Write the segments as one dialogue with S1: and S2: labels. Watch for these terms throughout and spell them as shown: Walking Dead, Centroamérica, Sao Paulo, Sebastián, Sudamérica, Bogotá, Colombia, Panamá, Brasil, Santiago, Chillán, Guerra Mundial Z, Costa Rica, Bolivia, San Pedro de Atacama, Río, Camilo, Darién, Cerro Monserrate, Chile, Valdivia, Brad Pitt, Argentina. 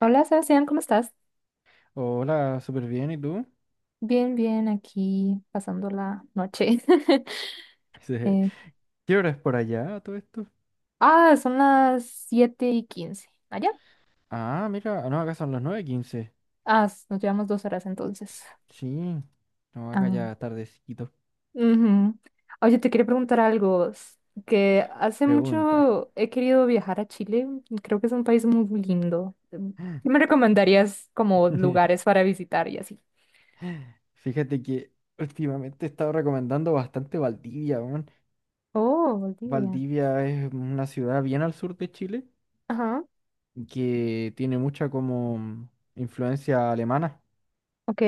S1: Hola, Sebastián, ¿cómo estás?
S2: Hola, súper bien, ¿y tú?
S1: Bien, bien, aquí pasando la noche.
S2: Dice,
S1: Eh,
S2: ¿qué hora es por allá todo esto?
S1: son las 7:15. ¿Allá?
S2: Ah, mira, no, acá son las 9:15.
S1: Ah, nos llevamos 2 horas entonces.
S2: Sí, no, acá
S1: Ah,
S2: ya tardecito.
S1: ujú. Oye, te quería preguntar algo. Que hace
S2: Pregunta.
S1: mucho he querido viajar a Chile. Creo que es un país muy lindo. ¿Qué me recomendarías como lugares para visitar y así?
S2: Fíjate que últimamente he estado recomendando bastante Valdivia, weón.
S1: Oh, Bolivia.
S2: Valdivia es una ciudad bien al sur de Chile
S1: Ajá.
S2: que tiene mucha como influencia alemana.
S1: Ok,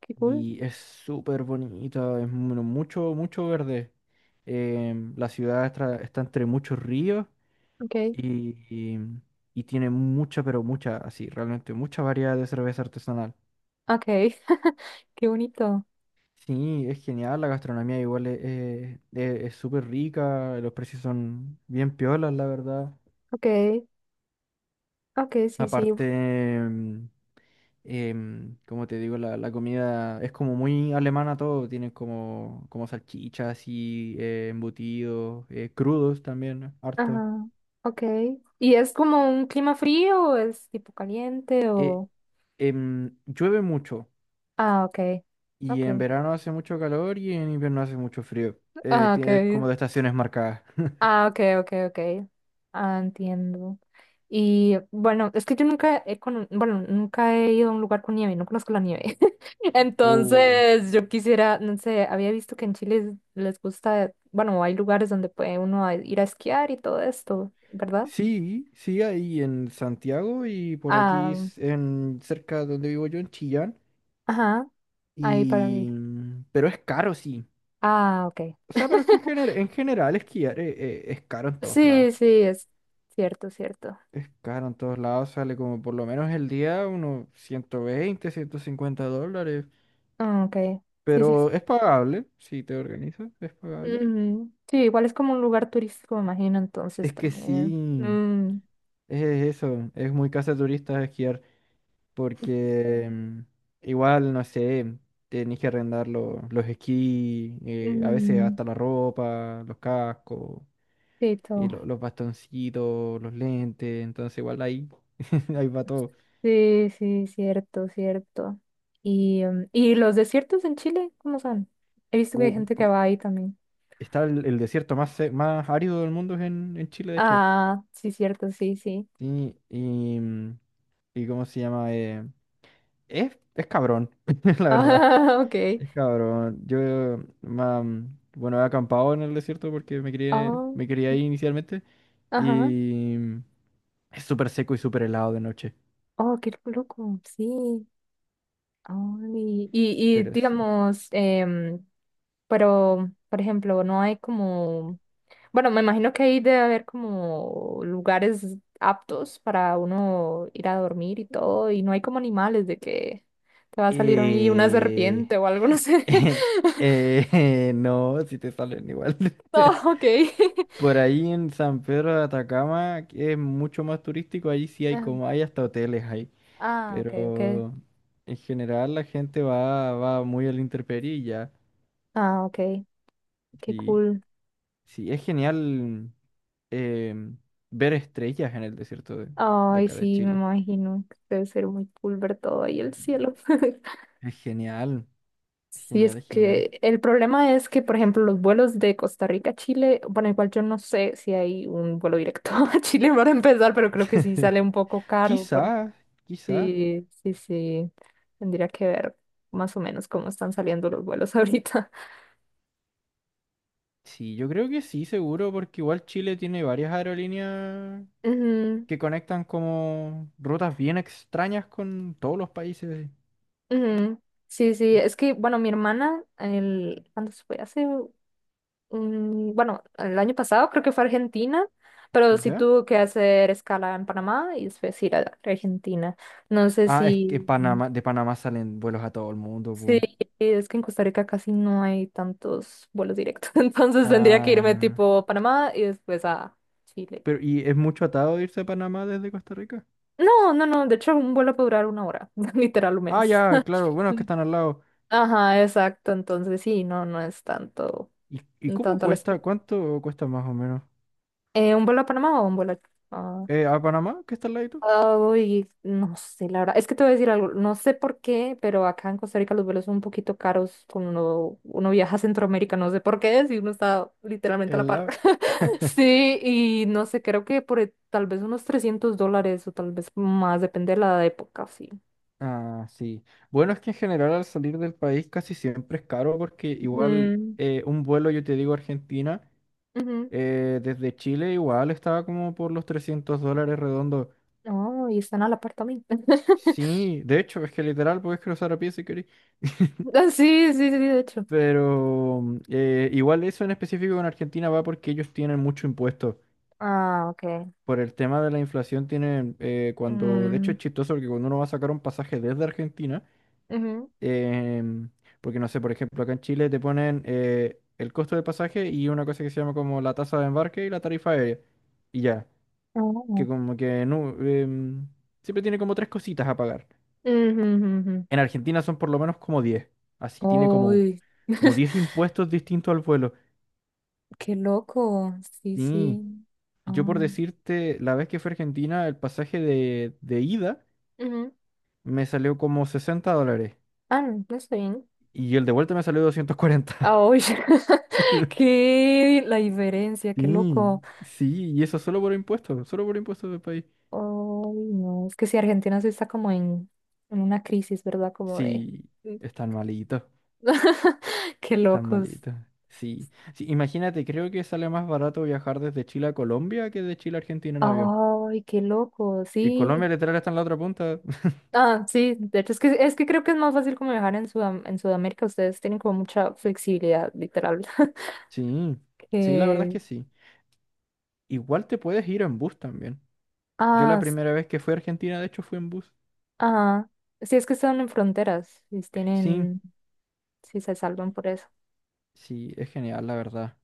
S1: qué cool.
S2: Y es súper bonita, es mucho, mucho verde. La ciudad está entre muchos ríos,
S1: Ok.
S2: y, y, y tiene mucha, pero mucha, así, realmente mucha variedad de cerveza artesanal.
S1: Ok. Qué bonito.
S2: Sí, es genial, la gastronomía igual es súper rica, los precios son bien piolas, la verdad.
S1: Ok. Ok, sí, sí.
S2: Aparte, em, como te digo, la comida es como muy alemana todo, tienen como salchichas y embutidos, crudos también, harto.
S1: Ajá. Ok. ¿Y es como un clima frío o es tipo caliente
S2: Eh,
S1: o...?
S2: Llueve mucho
S1: Ah, ok.
S2: y
S1: Ok.
S2: en verano hace mucho calor y en invierno hace mucho frío.
S1: Ah, ok.
S2: Tiene como de estaciones marcadas.
S1: Ah, ok, ok, ok. Ah, entiendo. Y bueno, es que yo nunca he cono- bueno, nunca he ido a un lugar con nieve, no conozco la nieve.
S2: Oh.
S1: Entonces, yo quisiera, no sé, había visto que en Chile les gusta, bueno, hay lugares donde puede uno ir a esquiar y todo esto, ¿verdad?
S2: Sí, sí, ahí en Santiago y por aquí
S1: Ah,
S2: en cerca donde vivo yo, en Chillán.
S1: ajá, ahí para mí.
S2: Y... Pero es caro, sí.
S1: Ah, ok.
S2: O sea, pero es que en general esquiar es caro en todos lados.
S1: Sí, sí, es cierto, cierto.
S2: Es caro en todos lados, sale como por lo menos el día unos 120, $150.
S1: Ah, ok. Sí, sí.
S2: Pero es pagable, si te organizas, es pagable.
S1: Ujú. Sí, igual es como un lugar turístico, me imagino, entonces
S2: Es que
S1: también.
S2: sí,
S1: Mm,
S2: es eso, es muy casa de turistas esquiar, porque igual, no sé, tenés que arrendar los esquís, a veces
S1: mm,
S2: hasta la ropa, los cascos,
S1: sí,
S2: y
S1: todo.
S2: los bastoncitos, los lentes, entonces igual ahí, ahí va todo.
S1: Sí, sí, cierto, cierto. Y, em, ¿y los desiertos en Chile? ¿Cómo son? He visto que hay
S2: U-
S1: gente que va ahí también.
S2: Está el desierto más árido del mundo es en Chile, de hecho.
S1: Ah, sí, cierto, sí, sí.
S2: Sí, y, y ¿cómo se llama? Es cabrón, la verdad.
S1: Ah, ok.
S2: Es cabrón. Yo, ma- bueno, he acampado en el desierto porque me quería,
S1: Ah,
S2: me quería
S1: qué-
S2: ahí inicialmente
S1: ajá.
S2: y es súper seco y súper helado de noche,
S1: Oh, qué loco. Sí. Ay, y
S2: pero sí.
S1: digamos, pero, por ejemplo, no hay como, bueno, me imagino que ahí debe haber como lugares aptos para uno ir a dormir y todo, y no hay como animales de que te va a salir ahí una
S2: Eh,
S1: serpiente o algo, no sé.
S2: No, si te salen igual.
S1: Oh, ok.
S2: Por ahí en San Pedro de Atacama, que es mucho más turístico, ahí sí hay
S1: Ah,
S2: como, hay hasta hoteles ahí.
S1: ah, ok, ok.
S2: Pero en general la gente va muy al intemperie y ya.
S1: Ah, ok. Qué
S2: Sí,
S1: cool.
S2: sí, es genial, em, ver estrellas en el desierto de
S1: Ay,
S2: acá de
S1: sí, me
S2: Chile.
S1: imagino. Que debe ser muy cool ver todo ahí el cielo.
S2: Es genial, es
S1: Sí, es
S2: genial, es genial.
S1: que el problema es que, por ejemplo, los vuelos de Costa Rica a Chile, bueno, igual yo no sé si hay un vuelo directo a Chile para empezar, pero creo que sí sale un poco caro. Por...
S2: Quizás, quizás.
S1: Sí, sí, sí. Tendría que ver más o menos cómo están saliendo los vuelos ahorita.
S2: Sí, yo creo que sí, seguro, porque igual Chile tiene varias aerolíneas
S1: Ujú,
S2: que conectan como rutas bien extrañas con todos los países,
S1: ujú. Sí, sí, es que, bueno, mi hermana, ¿cuándo se fue? Hace bueno, el año pasado creo que fue a Argentina, pero sí
S2: ¿ya?
S1: tuvo que hacer escala en Panamá y después ir a Argentina. No sé
S2: Ah, es que
S1: si,
S2: Panamá, de Panamá salen vuelos a todo el mundo,
S1: sí,
S2: pues.
S1: es que en Costa Rica casi no hay tantos vuelos directos, entonces tendría que irme
S2: Ah,
S1: tipo Panamá y después a Chile.
S2: pero ¿y es mucho atado irse a Panamá desde Costa Rica?
S1: No, no, no, de hecho un vuelo puede durar una hora, literal o
S2: Ah,
S1: menos.
S2: ya, claro, bueno, es que están al lado.
S1: Ajá, exacto, entonces sí, no, no es tanto,
S2: ¿Y cómo
S1: tanto la
S2: cuesta?
S1: espera.
S2: ¿Cuánto cuesta más o menos?
S1: ¿Un vuelo a Panamá o un vuelo a...
S2: ¿A Panamá? ¿Qué está al lado?
S1: Ay, no sé, la verdad. Es que te voy a decir algo. No sé por qué, pero acá en Costa Rica los vuelos son un poquito caros cuando uno viaja a Centroamérica. No sé por qué, si uno está literalmente a la
S2: Al
S1: par.
S2: lado.
S1: Sí, y no sé, creo que tal vez unos $300 o tal vez más, depende de la época, sí.
S2: Ah, sí. Bueno, es que en general al salir del país casi siempre es caro porque igual
S1: Mm,
S2: un vuelo, yo te digo, a Argentina,
S1: ujú.
S2: desde Chile igual estaba como por los $300 redondo.
S1: No, y están a la par también.
S2: Sí, de hecho, es que literal podés cruzar a pie si querés.
S1: Ah, sí, sí, sí, de hecho.
S2: Pero igual eso en específico con Argentina va porque ellos tienen mucho impuesto.
S1: Ah, ok.
S2: Por el tema de la inflación tienen, cuando, de hecho
S1: Mm,
S2: es chistoso porque cuando uno va a sacar un pasaje desde Argentina,
S1: ujú.
S2: em, porque no sé, por ejemplo, acá en Chile te ponen el costo del pasaje y una cosa que se llama como la tasa de embarque y la tarifa aérea. Y ya, que
S1: Oh.
S2: como que no, siempre tiene como tres cositas a pagar.
S1: Ujú, ujú,
S2: En Argentina son por lo menos como 10, así tiene
S1: ujú.
S2: como,
S1: Uy.
S2: como 10 impuestos distintos al vuelo.
S1: Qué loco. Sí,
S2: Sí,
S1: sí.
S2: yo por
S1: Ay.
S2: decirte, la vez que fui a Argentina, el pasaje de ida
S1: Ujú.
S2: me salió como $60
S1: Ah, no, no está bien.
S2: y el de vuelta me salió 240.
S1: Ah, uy. Qué la diferencia, qué loco.
S2: Sí, sí, y eso solo por impuestos del país.
S1: Ay, no. Es que si Argentina sí está como en una crisis, ¿verdad? Como de.
S2: Sí, están malitos,
S1: Qué
S2: están
S1: locos.
S2: malitos. Sí, sí, imagínate, creo que sale más barato viajar desde Chile a Colombia que de Chile a Argentina en avión.
S1: Ay, qué loco.
S2: Y
S1: Sí.
S2: Colombia literal está en la otra punta.
S1: Ah, sí. De hecho, es que creo que es más fácil como viajar en en Sudamérica. Ustedes tienen como mucha flexibilidad, literal.
S2: Sí, sí, la verdad es
S1: Que.
S2: que sí. Igual te puedes ir en bus también. Yo la
S1: Ah,
S2: primera vez que fui a Argentina, de hecho, fui en bus.
S1: ajá. Sí, es que están en fronteras, si
S2: Sí,
S1: tienen, si se salvan por eso.
S2: sí, es genial, la verdad.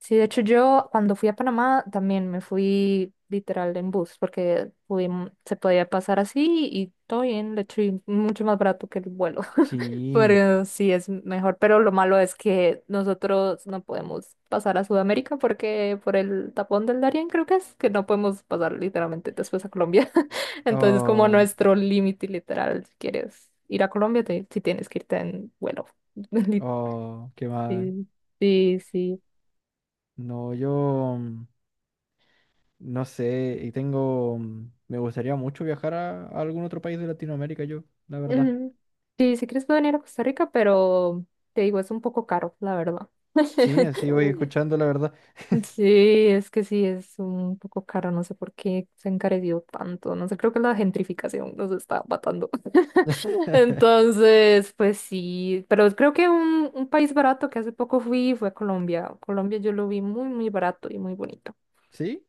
S1: Sí, de hecho yo cuando fui a Panamá también me fui literal en bus porque se podía pasar así y todo bien, de hecho y mucho más barato que el vuelo.
S2: Sí.
S1: Pero sí es mejor, pero lo malo es que nosotros no podemos pasar a Sudamérica porque por el tapón del Darién creo que es que no podemos pasar literalmente después a Colombia. Entonces es como
S2: Oh,
S1: nuestro límite literal. Si quieres ir a Colombia, si tienes que irte en vuelo. Li-
S2: oh, qué mal.
S1: Sí, sí, sí.
S2: No, yo. No sé, y tengo, me gustaría mucho viajar a algún otro país de Latinoamérica yo, la verdad.
S1: Mm, sí, si quieres puedo venir a Costa Rica, pero te digo, es un poco caro, la verdad.
S2: Sí, así voy escuchando la verdad.
S1: Sí, es que sí, es un poco caro, no sé por qué se ha encarecido tanto, no sé, creo que la gentrificación nos está matando. Entonces, pues sí, pero creo que un país barato que hace poco fui fue a Colombia. Colombia yo lo vi muy, muy barato y muy bonito.
S2: ¿Sí?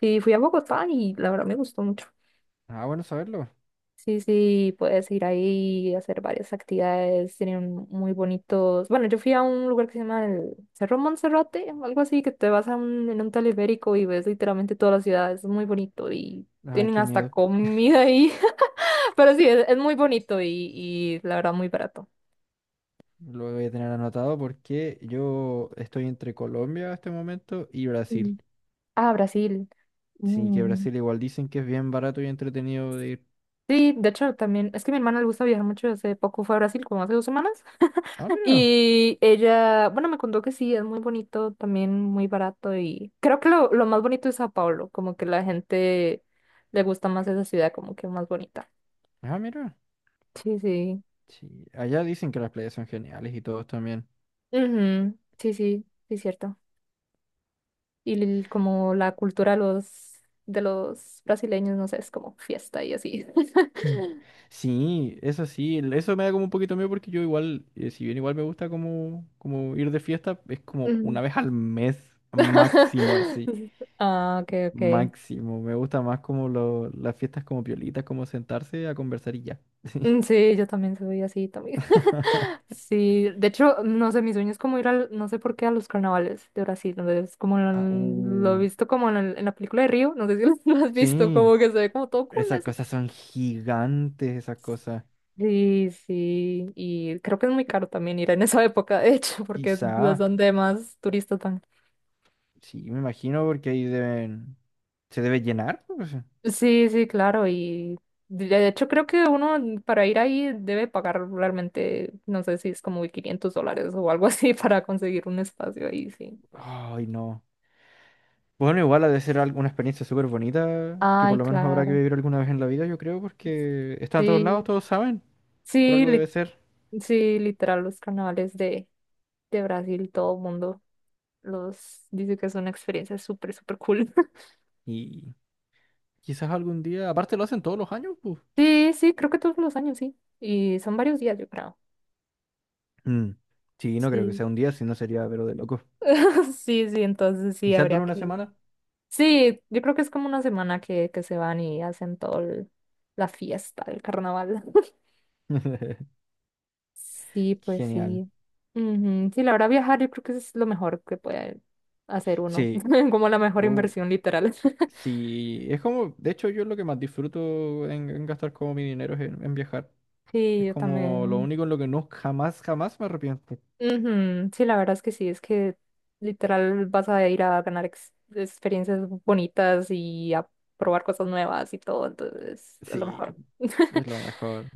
S1: Sí, fui a Bogotá y la verdad me gustó mucho.
S2: Ah, bueno, saberlo.
S1: Sí, sí, puedes ir ahí y hacer varias actividades, tienen muy bonitos. Bueno, yo fui a un lugar que se llama el Cerro Monserrate, algo así, que te vas a en un teleférico y ves literalmente toda la ciudad, es muy bonito y
S2: Ay,
S1: tienen
S2: qué
S1: hasta
S2: miedo.
S1: comida ahí, pero sí, es muy bonito y la verdad muy barato.
S2: Lo voy a tener anotado porque yo estoy entre Colombia en este momento y Brasil.
S1: Mm. Ah, Brasil.
S2: Sí, que
S1: Mm.
S2: Brasil igual dicen que es bien barato y entretenido de ir.
S1: Sí, de hecho también, es que a mi hermana le gusta viajar mucho, hace poco fue a Brasil, como hace 2 semanas.
S2: Ah, mira.
S1: Y ella, bueno, me contó que sí, es muy bonito, también muy barato y creo que lo más bonito es Sao Paulo, como que la gente le gusta más esa ciudad, como que más bonita.
S2: Ah, mira.
S1: Sí, sí.
S2: Sí, allá dicen que las playas son geniales y todos también.
S1: Ujú, sí, sí, sí, cierto. Y como la cultura de los brasileños, no sé, es como fiesta y así.
S2: Mm. Sí, eso sí, eso me da como un poquito miedo porque yo igual, si bien igual me gusta como ir de fiesta, es como
S1: Ujú.
S2: una vez al mes máximo, así,
S1: Ah, ok, ok.
S2: máximo. Me gusta más como las fiestas como piolitas, como sentarse a conversar y ya.
S1: Mm, sí, yo también soy así, también. Sí, de hecho, no sé, mi sueño es como ir al, no sé por qué, a los carnavales de Brasil, donde es como
S2: Ah,
S1: lo he
S2: uh,
S1: visto como en, en la película de Río, no sé si lo lo has visto,
S2: Sí,
S1: como que se ve como todo cool
S2: esas
S1: eso.
S2: cosas son gigantes, esas cosas.
S1: Sí, sí, y creo que es muy caro también ir en esa época, de hecho, porque es
S2: Quizá,
S1: donde más turistas van.
S2: sí, me imagino porque ahí deben, se debe llenar, pues.
S1: Sí, sí, claro, y de hecho creo que uno para ir ahí debe pagar realmente, no sé si es como $500 o algo así para conseguir un espacio ahí, sí.
S2: Ay, no. Bueno, igual ha de ser alguna experiencia súper bonita, que por
S1: Ay,
S2: lo menos habrá que
S1: claro.
S2: vivir alguna vez en la vida, yo creo, porque está en todos lados,
S1: Sí,
S2: todos saben, por
S1: sí,
S2: algo debe ser.
S1: sí, literal, los carnavales de Brasil, todo el mundo los dice que es una experiencia súper, súper cool.
S2: Y quizás algún día, aparte lo hacen todos los años, pues.
S1: Sí, sí, creo que todos los años, sí. Y son varios días, yo creo.
S2: Mm, sí, no creo que
S1: Sí,
S2: sea un día, si no sería, pero de locos.
S1: sí, sí, entonces sí,
S2: Quizás
S1: habría
S2: dure una
S1: que...
S2: semana.
S1: Sí, yo creo que es como una semana que se van y hacen todo la fiesta del carnaval. Sí, pues
S2: Genial.
S1: sí. Ujú, sí, la verdad, viajar yo creo que es lo mejor que puede hacer uno,
S2: Sí,
S1: como la mejor
S2: oh,
S1: inversión, literal.
S2: sí, es como, de hecho, yo lo que más disfruto en gastar como mi dinero es en viajar.
S1: Sí,
S2: Es
S1: yo
S2: como lo
S1: también.
S2: único en lo que no jamás, jamás me arrepiento.
S1: Ujú, sí, la verdad es que sí, es que literal vas a ir a ganar experiencias bonitas y a probar cosas nuevas y todo, entonces a lo
S2: Sí,
S1: mejor.
S2: es lo mejor.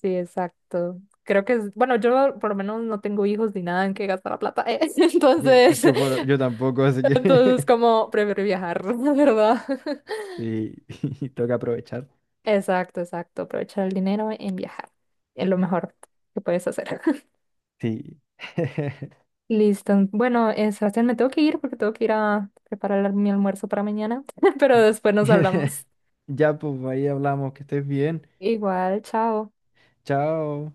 S1: Sí, exacto. Creo que es, bueno, yo por lo menos no tengo hijos ni nada en que gastar la plata,
S2: Y
S1: entonces,
S2: yo, yo tampoco, así que
S1: entonces como prefiero viajar, la verdad.
S2: sí, toca aprovechar.
S1: Exacto, exacto. Aprovechar el dinero en viajar. Es lo mejor que puedes hacer.
S2: Sí.
S1: Listo. Bueno, Sebastián, me tengo que ir porque tengo que ir a preparar mi almuerzo para mañana, pero después nos hablamos.
S2: Ya, pues ahí hablamos, que estés bien.
S1: Igual, chao.
S2: Chao.